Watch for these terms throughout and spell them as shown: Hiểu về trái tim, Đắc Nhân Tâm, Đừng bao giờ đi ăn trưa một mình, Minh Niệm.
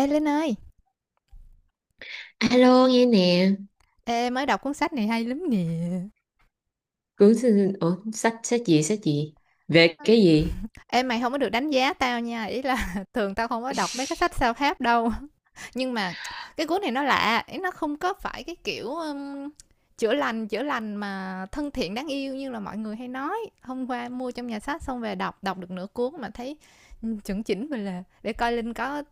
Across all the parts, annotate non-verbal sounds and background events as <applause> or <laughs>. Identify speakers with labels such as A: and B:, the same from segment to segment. A: Ê Linh ơi,
B: Alo nghe nè.
A: ê mới đọc cuốn sách này hay lắm nè.
B: Cuốn sách. Ủa, sách sách gì về cái gì?
A: Ê mày không có được đánh giá tao nha, ý là <laughs> thường tao không có đọc mấy cái sách self-help đâu. <laughs> Nhưng mà cái cuốn này nó lạ, ý nó không có phải cái kiểu chữa lành mà thân thiện đáng yêu như là mọi người hay nói. Hôm qua mua trong nhà sách xong về đọc, đọc được nửa cuốn mà thấy ừ, chuẩn chỉnh mình là để coi Linh có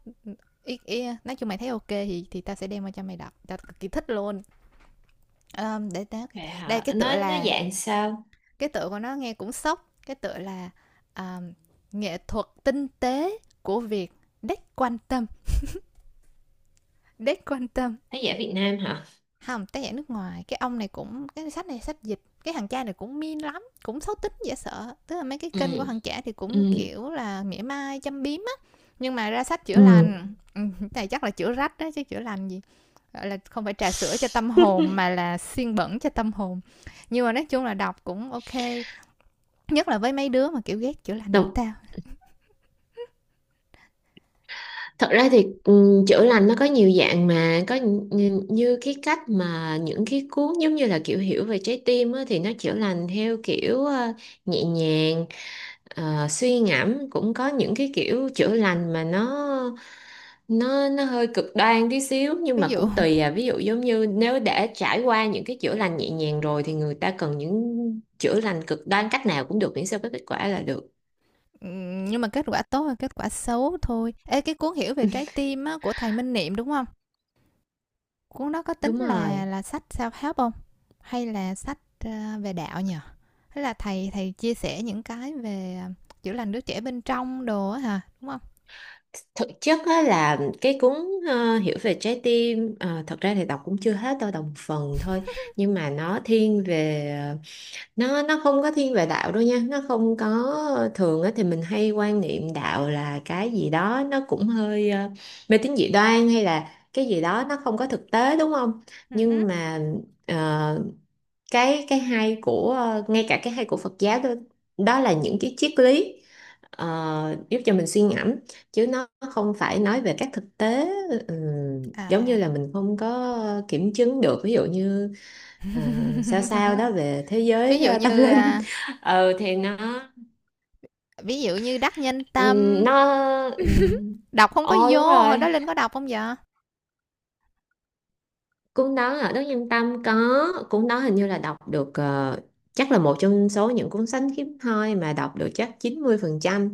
A: ý, nói chung mày thấy ok thì tao sẽ đem qua cho mày đọc. Tao cực kỳ thích luôn. Ờ, để tao
B: Vậy
A: đây
B: hả?
A: cái tựa
B: Nó
A: là
B: dạng sao?
A: cái tựa của nó nghe cũng sốc, cái tựa là à, nghệ thuật tinh tế của việc đếch quan tâm, đếch quan tâm.
B: Nó dạng Việt Nam hả?
A: Không, tác giả nước ngoài, cái ông này cũng, cái sách này sách dịch, cái thằng cha này cũng min lắm, cũng xấu tính dễ sợ, tức là mấy cái
B: Ừ.
A: kênh của thằng trẻ thì cũng
B: Ừ,
A: kiểu là mỉa mai châm biếm á, nhưng mà ra sách chữa
B: ừ.
A: lành. <laughs> Ừ, này chắc là chữa rách đó chứ chữa lành gì, gọi là không phải trà sữa cho tâm hồn mà
B: <laughs>
A: là xiên bẩn cho tâm hồn. Nhưng mà nói chung là đọc cũng ok, nhất là với mấy đứa mà kiểu ghét chữa lành như
B: Đọc,
A: tao.
B: thật ra thì chữa lành nó có nhiều dạng mà có như cái cách mà những cái cuốn giống như là kiểu hiểu về trái tim á, thì nó chữa lành theo kiểu nhẹ nhàng. Suy ngẫm cũng có những cái kiểu chữa lành mà nó hơi cực đoan tí xíu, nhưng mà
A: Ví dụ
B: cũng tùy à. Ví dụ giống như nếu đã trải qua những cái chữa lành nhẹ nhàng rồi thì người ta cần những chữa lành cực đoan, cách nào cũng được miễn sao có kết quả là được.
A: ừ, nhưng mà kết quả tốt và kết quả xấu thôi. Ê, cái cuốn Hiểu về trái
B: <laughs>
A: tim á, của thầy Minh Niệm đúng không? Cuốn đó có tính
B: Đúng
A: là
B: rồi.
A: là sách self-help không? Hay là sách, ờ, về đạo nhỉ? Hay là thầy thầy chia sẻ những cái về, chữa lành đứa trẻ bên trong đồ á hả, đúng không?
B: Thực chất á, là cái cuốn Hiểu về trái tim, thật ra thì đọc cũng chưa hết đâu, đọc một phần thôi. Nhưng mà nó thiên về nó không có thiên về đạo đâu nha, nó không có. Thường á thì mình hay quan niệm đạo là cái gì đó nó cũng hơi mê tín dị đoan hay là cái gì đó nó không có thực tế đúng không, nhưng
A: <laughs>
B: mà ờ, cái hay của ngay cả cái hay của Phật giáo đó, đó là những cái triết lý giúp cho mình suy ngẫm, chứ nó không phải nói về các thực tế. ừ, Giống như
A: À.
B: là mình không có kiểm chứng được, ví dụ như ờ, sao sao đó
A: <laughs>
B: về thế
A: Ví
B: giới
A: dụ
B: tâm
A: như,
B: linh. <laughs> Thì nó,
A: ví dụ như Đắc Nhân Tâm,
B: nó. ừm,
A: đọc không có
B: Ồ, đúng
A: vô, hồi đó
B: rồi,
A: Linh có đọc không vậy?
B: cuốn đó ở Đức Nhân Tâm có. Cuốn đó hình như là đọc được, chắc là một trong số những cuốn sách hiếm hoi mà đọc được chắc 90%.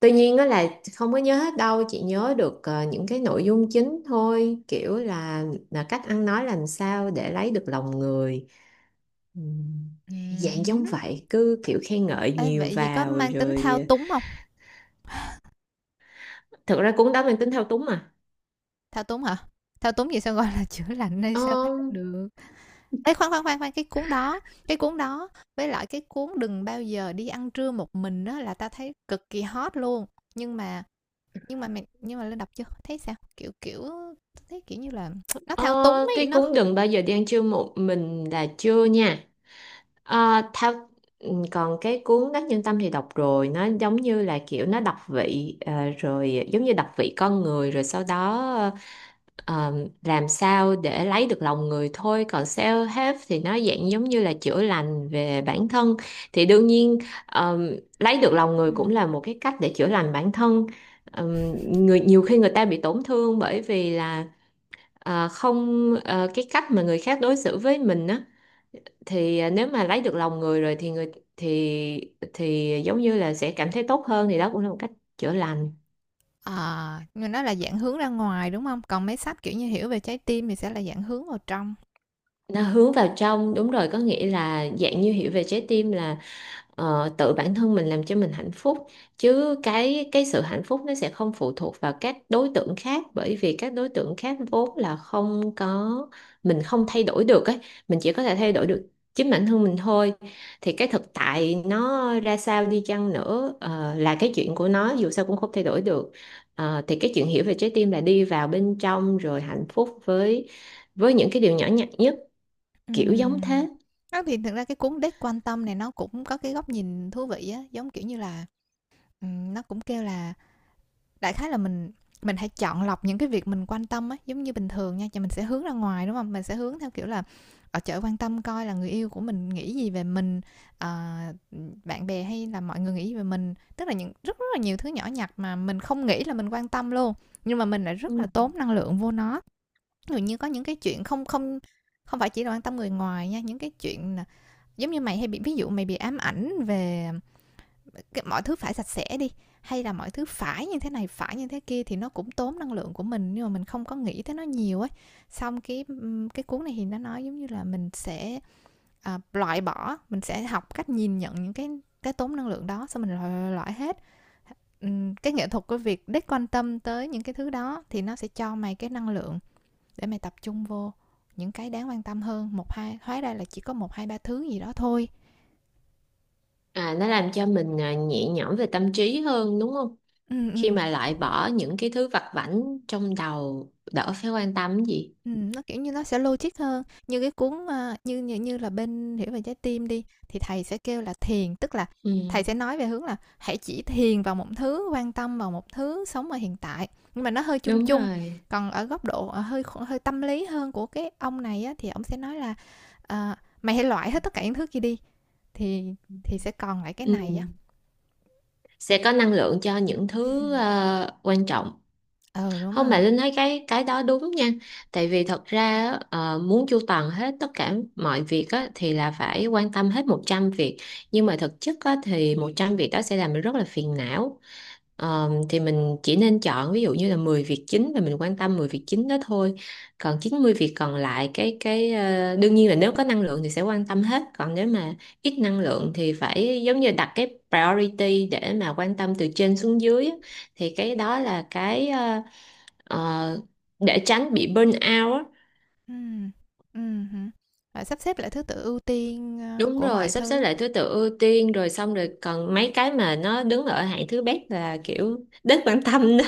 B: Tuy nhiên đó là không có nhớ hết đâu, chỉ nhớ được những cái nội dung chính thôi, kiểu là cách ăn nói làm sao để lấy được lòng người. Ừm, Dạng
A: Ừm.
B: giống vậy, cứ kiểu khen ngợi
A: Ê,
B: nhiều
A: vậy thì có
B: vào
A: mang tính
B: rồi.
A: thao
B: Ờ,
A: túng không?
B: Thực ra cuốn đó mang tính thao túng mà.
A: Thao túng hả? Thao túng gì sao gọi là <laughs> chữa lành hay
B: ờ,
A: sao phát được? Ê, khoan, cái cuốn đó, cái cuốn đó với lại cái cuốn "Đừng bao giờ đi ăn trưa một mình" đó là ta thấy cực kỳ hot luôn. Nhưng mà nhưng mà mày, nhưng mà Linh đọc chưa? Thấy sao? Kiểu, thấy, kiểu như là, <tsk> nó thao túng
B: ờ,
A: ấy,
B: cái
A: nó
B: cuốn "Đừng bao
A: không.
B: giờ đi ăn trưa một mình" là chưa nha. Ờ, thao Còn cái cuốn Đắc Nhân Tâm thì đọc rồi, nó giống như là kiểu nó đọc vị, rồi giống như đọc vị con người, rồi sau đó ờ, làm sao để lấy được lòng người thôi. Còn self help thì nó dạng giống như là chữa lành về bản thân, thì đương nhiên ờm, lấy được lòng người cũng
A: Ừm.
B: là một cái cách để chữa lành bản thân. Ờm, Người, nhiều khi người ta bị tổn thương bởi vì là không cái cách mà người khác đối xử với mình á, thì nếu mà lấy được lòng người rồi thì người thì giống như là sẽ cảm thấy tốt hơn, thì đó cũng là một cách chữa lành.
A: Ờ, nhưng nó là dạng hướng ra ngoài, đúng không? Còn mấy sách, kiểu như, Hiểu về trái tim thì sẽ là dạng hướng vào trong.
B: Nó hướng vào trong, đúng rồi, có nghĩa là dạng như hiểu về trái tim là tự bản thân mình làm cho mình hạnh phúc, chứ cái sự hạnh phúc nó sẽ không phụ thuộc vào các đối tượng khác, bởi vì các đối tượng khác vốn là không có, mình không thay đổi được ấy. Mình chỉ có thể thay đổi được chính bản thân mình thôi, thì cái thực tại nó ra sao đi chăng nữa là cái chuyện của nó, dù sao cũng không thay đổi được. Ờ, thì cái chuyện hiểu về trái tim là đi vào bên trong rồi hạnh phúc với những cái điều nhỏ nhặt nhất, kiểu giống
A: Ừm.
B: thế.
A: Đó, thì thực ra cái cuốn Đếch Quan Tâm này nó cũng có cái góc nhìn thú vị á, giống kiểu như là, ừm, nó cũng kêu là, đại khái là mình hãy chọn lọc những cái việc mình quan tâm á, giống như bình thường nha, thì mình sẽ hướng ra ngoài, đúng không? Mình sẽ hướng theo kiểu là, ở chợ quan tâm coi là người yêu của mình nghĩ gì về mình, ờ, bạn bè hay là mọi người nghĩ gì về mình. Tức là những rất rất là nhiều thứ nhỏ nhặt mà mình không nghĩ là mình quan tâm luôn, nhưng mà mình lại
B: Ừ.
A: rất là tốn năng lượng vô nó. Ví dụ như có những cái chuyện không không không phải chỉ là quan tâm người ngoài nha, những cái chuyện là giống như mày hay bị, ví dụ mày bị ám ảnh về cái mọi thứ phải sạch sẽ đi, hay là mọi thứ phải như thế này phải như thế kia, thì nó cũng tốn năng lượng của mình nhưng mà mình không có nghĩ tới nó nhiều ấy. Xong cái cuốn này thì nó nói giống như là mình sẽ, loại bỏ, mình sẽ học cách nhìn nhận những cái tốn năng lượng đó, xong mình loại hết. Cái nghệ thuật của việc đích quan tâm tới những cái thứ đó thì nó sẽ cho mày cái năng lượng để mày tập trung vô những cái đáng quan tâm hơn. Một hai hóa ra là chỉ có một hai ba thứ gì đó thôi.
B: À, nó làm cho mình nhẹ nhõm về tâm trí hơn đúng không?
A: Ừ,
B: Khi
A: ừ.
B: mà loại bỏ những cái thứ vặt vãnh trong đầu, đỡ phải quan tâm cái gì.
A: Nó, kiểu như, nó sẽ logic hơn. Như cái cuốn, a, như như như là bên Hiểu về trái tim đi, thì thầy sẽ kêu là thiền, tức là
B: Ừ,
A: thầy sẽ nói về hướng là hãy chỉ thiền vào một thứ, quan tâm vào một thứ, sống ở hiện tại, nhưng mà nó hơi chung
B: đúng
A: chung.
B: rồi.
A: Còn ở góc độ, ờ, hơi tâm lý hơn của cái ông này á, thì ổng sẽ nói là, ờ, "Mày hãy loại hết tất cả những thứ kia đi, thì sẽ còn lại cái
B: Ừ.
A: này" á.
B: Sẽ có năng lượng cho những thứ quan trọng.
A: Ừ, đúng
B: Không, mà
A: rồi.
B: Linh thấy cái đó đúng nha, tại vì thật ra á, muốn chu toàn hết tất cả mọi việc á, thì là phải quan tâm hết 100 việc. Nhưng mà thực chất á, thì 100 việc đó sẽ làm mình rất là phiền não. Ờ, thì mình chỉ nên chọn ví dụ như là 10 việc chính, và mình quan tâm 10 việc chính đó thôi. Còn 90 việc còn lại cái cái, đương nhiên là nếu có năng lượng thì sẽ quan tâm hết, còn nếu mà ít năng lượng thì phải giống như đặt cái priority để mà quan tâm từ trên xuống dưới á. Thì cái đó là cái ờ, để tránh bị burn out á.
A: Ừm, hứm, rồi sắp xếp lại thứ tự ưu tiên, ơ,
B: Đúng
A: của
B: rồi,
A: mọi
B: sắp xếp
A: thứ.
B: lại thứ tự ưu tiên rồi xong rồi còn mấy cái mà nó đứng ở hạng thứ bét là kiểu đến bản tâm đó.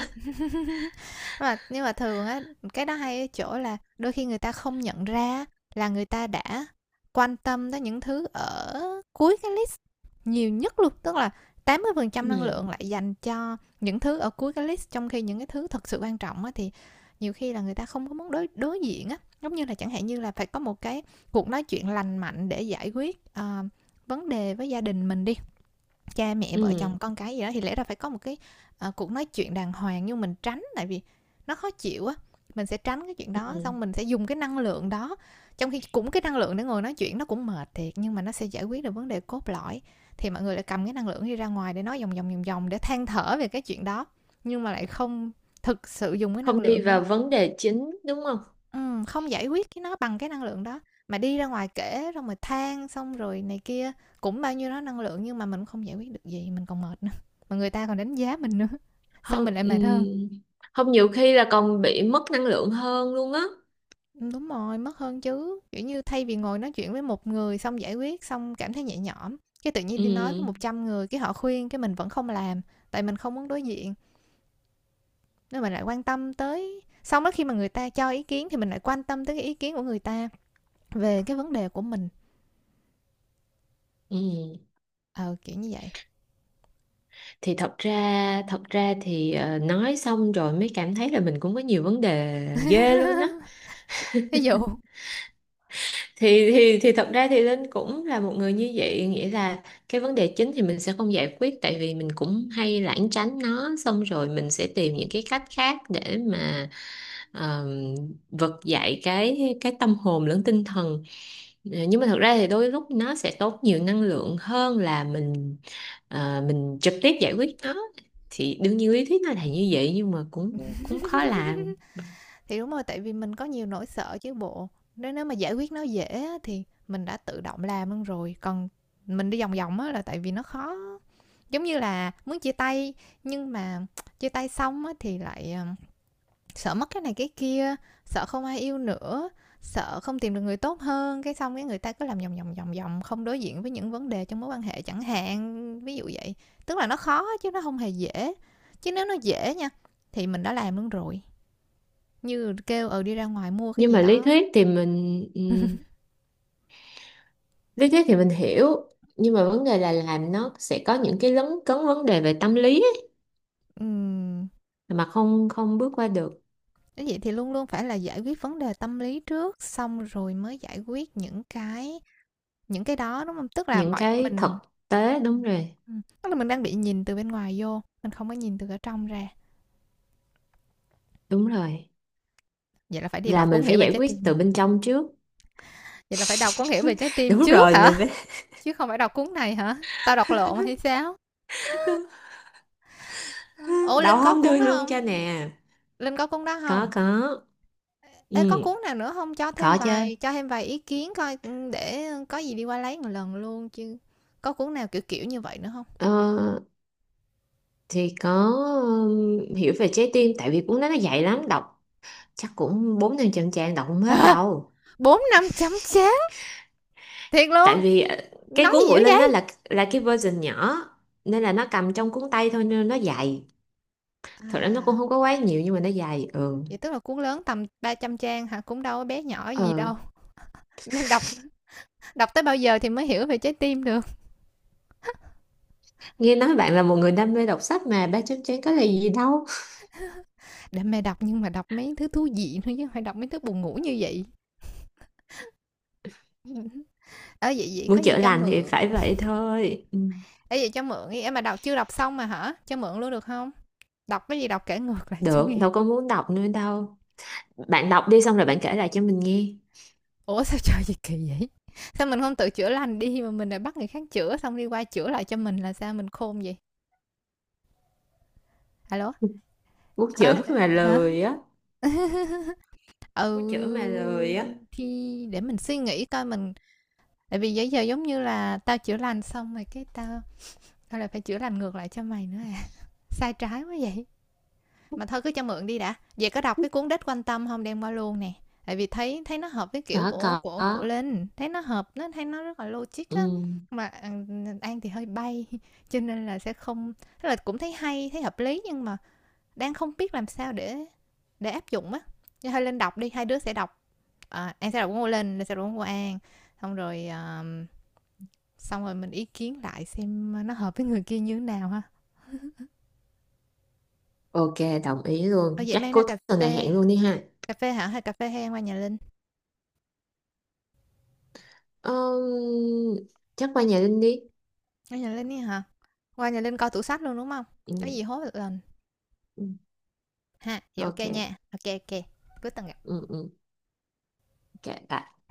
A: Mà nhưng mà thường á, cái đó hay ở chỗ là đôi khi người ta không nhận ra là người ta đã quan tâm tới những thứ ở cuối cái list nhiều nhất luôn, tức là tám mươi phần trăm năng
B: Ừ,
A: lượng lại dành cho những thứ ở cuối cái list, trong khi những cái thứ thật sự quan trọng á thì nhiều khi là người ta không có muốn đối đối diện á, giống như là chẳng hạn như là phải có một cái cuộc nói chuyện lành mạnh để giải quyết, vấn đề với gia đình mình đi, cha mẹ vợ
B: ừ,
A: chồng con cái gì đó, thì lẽ ra phải có một cái, ờ, cuộc nói chuyện đàng hoàng, nhưng mình tránh tại vì nó khó chịu á, mình sẽ tránh cái chuyện
B: ừ.
A: đó, xong mình sẽ dùng cái năng lượng đó. Trong khi cũng cái năng lượng để ngồi nói chuyện nó cũng mệt thiệt, nhưng mà nó sẽ giải quyết được vấn đề cốt lõi, thì mọi người lại cầm cái năng lượng đi ra ngoài để nói vòng vòng để than thở về cái chuyện đó, nhưng mà lại không thực sự dùng cái năng
B: Không đi
A: lượng đó.
B: vào vấn đề chính đúng không?
A: Không giải quyết cái nó bằng cái năng lượng đó, mà đi ra ngoài kể xong rồi than xong rồi này kia, cũng bao nhiêu đó năng lượng nhưng mà mình cũng không giải quyết được gì, mình còn mệt nữa, mà người ta còn đánh giá mình nữa, xong
B: Không,
A: mình lại
B: ừ.
A: mệt hơn.
B: Không, nhiều khi là còn bị mất năng lượng hơn luôn á.
A: Đúng rồi, mất hơn chứ, kiểu như, thay vì ngồi nói chuyện với một người xong giải quyết, xong cảm thấy nhẹ nhõm, cái tự nhiên đi nói với
B: Ừ,
A: 100 người, cái họ khuyên cái mình vẫn không làm, tại mình không muốn đối diện, nên mình lại quan tâm tới, xong đó khi mà người ta cho ý kiến thì mình lại quan tâm tới cái ý kiến của người ta về cái vấn đề của mình,
B: ừ.
A: ờ, kiểu như vậy.
B: Thì thật ra thì nói xong rồi mới cảm thấy là mình cũng có nhiều vấn đề ghê luôn á.
A: Ví <laughs> dụ,
B: Thì thật ra thì Linh cũng là một người như vậy, nghĩa là cái vấn đề chính thì mình sẽ không giải quyết, tại vì mình cũng hay lảng tránh nó, xong rồi mình sẽ tìm những cái cách khác để mà ờm, vực dậy cái tâm hồn lẫn tinh thần. Ờ, nhưng mà thật ra thì đôi lúc nó sẽ tốn nhiều năng lượng hơn là mình trực tiếp giải quyết nó. Thì đương nhiên lý thuyết nó là như vậy nhưng mà cũng cũng khó làm.
A: thì đúng rồi tại vì mình có nhiều nỗi sợ chứ bộ. Nếu nếu mà giải quyết nó dễ thì mình đã tự động làm luôn rồi. Còn mình đi vòng vòng á là tại vì nó khó, giống như là muốn chia tay, nhưng mà chia tay xong á thì lại sợ mất cái này cái kia, sợ không ai yêu nữa, sợ không tìm được người tốt hơn, cái xong cái người ta cứ làm vòng vòng không đối diện với những vấn đề trong mối quan hệ chẳng hạn, ví dụ vậy. Tức là nó khó chứ nó không hề dễ, chứ nếu nó dễ nha thì mình đã làm luôn rồi. Như kêu, ừ, đi ra ngoài mua cái
B: Nhưng
A: gì
B: mà lý
A: đó.
B: thuyết thì mình lý thuyết thì mình hiểu, nhưng mà vấn đề là làm nó sẽ có những cái lấn cấn vấn đề về tâm lý ấy,
A: Ừm,
B: mà không không bước qua được
A: nếu vậy thì luôn luôn phải là giải quyết vấn đề tâm lý trước, xong rồi mới giải quyết những cái, những cái đó, đúng không? Tức là
B: những
A: mọi
B: cái thực
A: mình,
B: tế, đúng
A: ừm,
B: rồi.
A: tức là mình đang bị nhìn từ bên ngoài vô, mình không có nhìn từ ở trong ra.
B: Đúng rồi,
A: Vậy là phải đi
B: là
A: đọc
B: mình
A: cuốn
B: phải
A: Hiểu về
B: giải
A: trái
B: quyết
A: tim.
B: từ bên trong trước.
A: Vậy là phải đọc cuốn Hiểu về trái
B: <laughs>
A: tim
B: Đúng
A: trước
B: rồi,
A: hả?
B: mình phải.
A: Chứ không phải đọc cuốn này hả? Tao đọc lộn hay sao?
B: <laughs>
A: Ờ, ủa,
B: Đậu,
A: Linh có
B: không đưa
A: cuốn đó
B: luôn
A: không?
B: cho nè.
A: Linh có cuốn đó
B: Có,
A: không?
B: có.
A: Ê, có
B: Ừ.
A: cuốn nào nữa không? Cho thêm
B: Có chứ.
A: vài, cho thêm vài ý kiến coi, ưm, để có gì đi qua lấy một lần luôn chứ. Có cuốn nào kiểu kiểu như vậy nữa không?
B: ờ, thì có, hiểu về trái tim, tại vì cuốn đó nó dày lắm, đọc chắc cũng 400-500 trang, đọc không hết
A: Đó,
B: đâu.
A: 4-5 chấm chết, thiệt
B: Tại
A: luôn,
B: vì cái
A: nói
B: cuốn
A: gì dữ
B: Ngụy Linh đó
A: vậy?
B: là cái version nhỏ, nên là nó cầm trong cuốn tay thôi nên nó dài. Thật ra nó cũng
A: À,
B: không có quá nhiều nhưng mà nó dài. Ừ
A: vậy tức là cuốn lớn tầm 300 trang hả? Cũng đâu có bé nhỏ gì
B: ờ
A: đâu, nên đọc, đọc tới bao giờ thì mới hiểu về trái tim được?
B: Nghe nói bạn là một người đam mê đọc sách mà ba chấm chén có là gì đâu.
A: Để mẹ đọc nhưng mà đọc mấy thứ thú vị thôi chứ hông phải đọc mấy thứ buồn ngủ như vậy. <laughs> Ở vậy vậy có
B: Muốn
A: gì
B: chữa
A: cho
B: lành thì
A: mượn,
B: phải vậy thôi. Ừ.
A: ở vậy cho mượn đi, ê, mà đọc chưa đọc xong mà hả? Cho mượn luôn được không? Đọc cái gì đọc kể ngược lại cho
B: Được,
A: nghe.
B: đâu có muốn đọc nữa đâu, bạn đọc đi xong rồi bạn kể lại cho mình nghe.
A: Ủa sao trời gì kỳ vậy, sao mình không tự chữa lành đi mà mình lại bắt người khác chữa xong đi qua chữa lại cho mình, là sao mình khôn vậy? Alo.
B: <laughs> Muốn
A: Ờ,
B: chữa
A: ờ,
B: mà
A: hả,
B: lười á.
A: <laughs> ừ,
B: Muốn chữa mà lười á.
A: thì để mình suy nghĩ coi mình, tại vì bây giờ giống như là tao chữa lành xong rồi cái tao, tao lại phải chữa lành ngược lại cho mày nữa à, sai trái quá vậy. Mà thôi cứ cho mượn đi đã, về có đọc cái cuốn đích quan tâm không đem qua luôn nè, tại vì thấy, thấy nó hợp với
B: Có,
A: kiểu của
B: có.
A: linh, thấy nó hợp, nó thấy nó rất là logic
B: Ừ.
A: á. Mà An- thì hơi bay <laughs> cho nên là sẽ không, tức là cũng thấy hay thấy hợp lý nhưng mà đang không biết làm sao để áp dụng á. Cho hơi linh đọc đi, hai đứa sẽ đọc, an sẽ đọc của linh, linh sẽ đọc của an, xong rồi xong rồi mình ý kiến lại xem nó hợp với người kia như thế nào ha.
B: OK, đồng ý
A: Ở
B: luôn,
A: vậy
B: chắc
A: mang ra
B: cuối
A: cà
B: tuần này
A: phê,
B: hẹn luôn đi ha.
A: cà phê hả, hay cà phê hay qua nhà linh.
B: Ờm, chắc qua nhà Linh đi.
A: Qua nhà Linh ấy hả? Qua nhà Linh coi tủ sách luôn, đúng không?
B: Ừ,
A: Có gì hối một lần
B: ừ,
A: ha, vậy ok
B: OK.
A: nha. Ok ok ô kê, cuối tuần gặp.
B: Ừ, ừ, OK. Bye.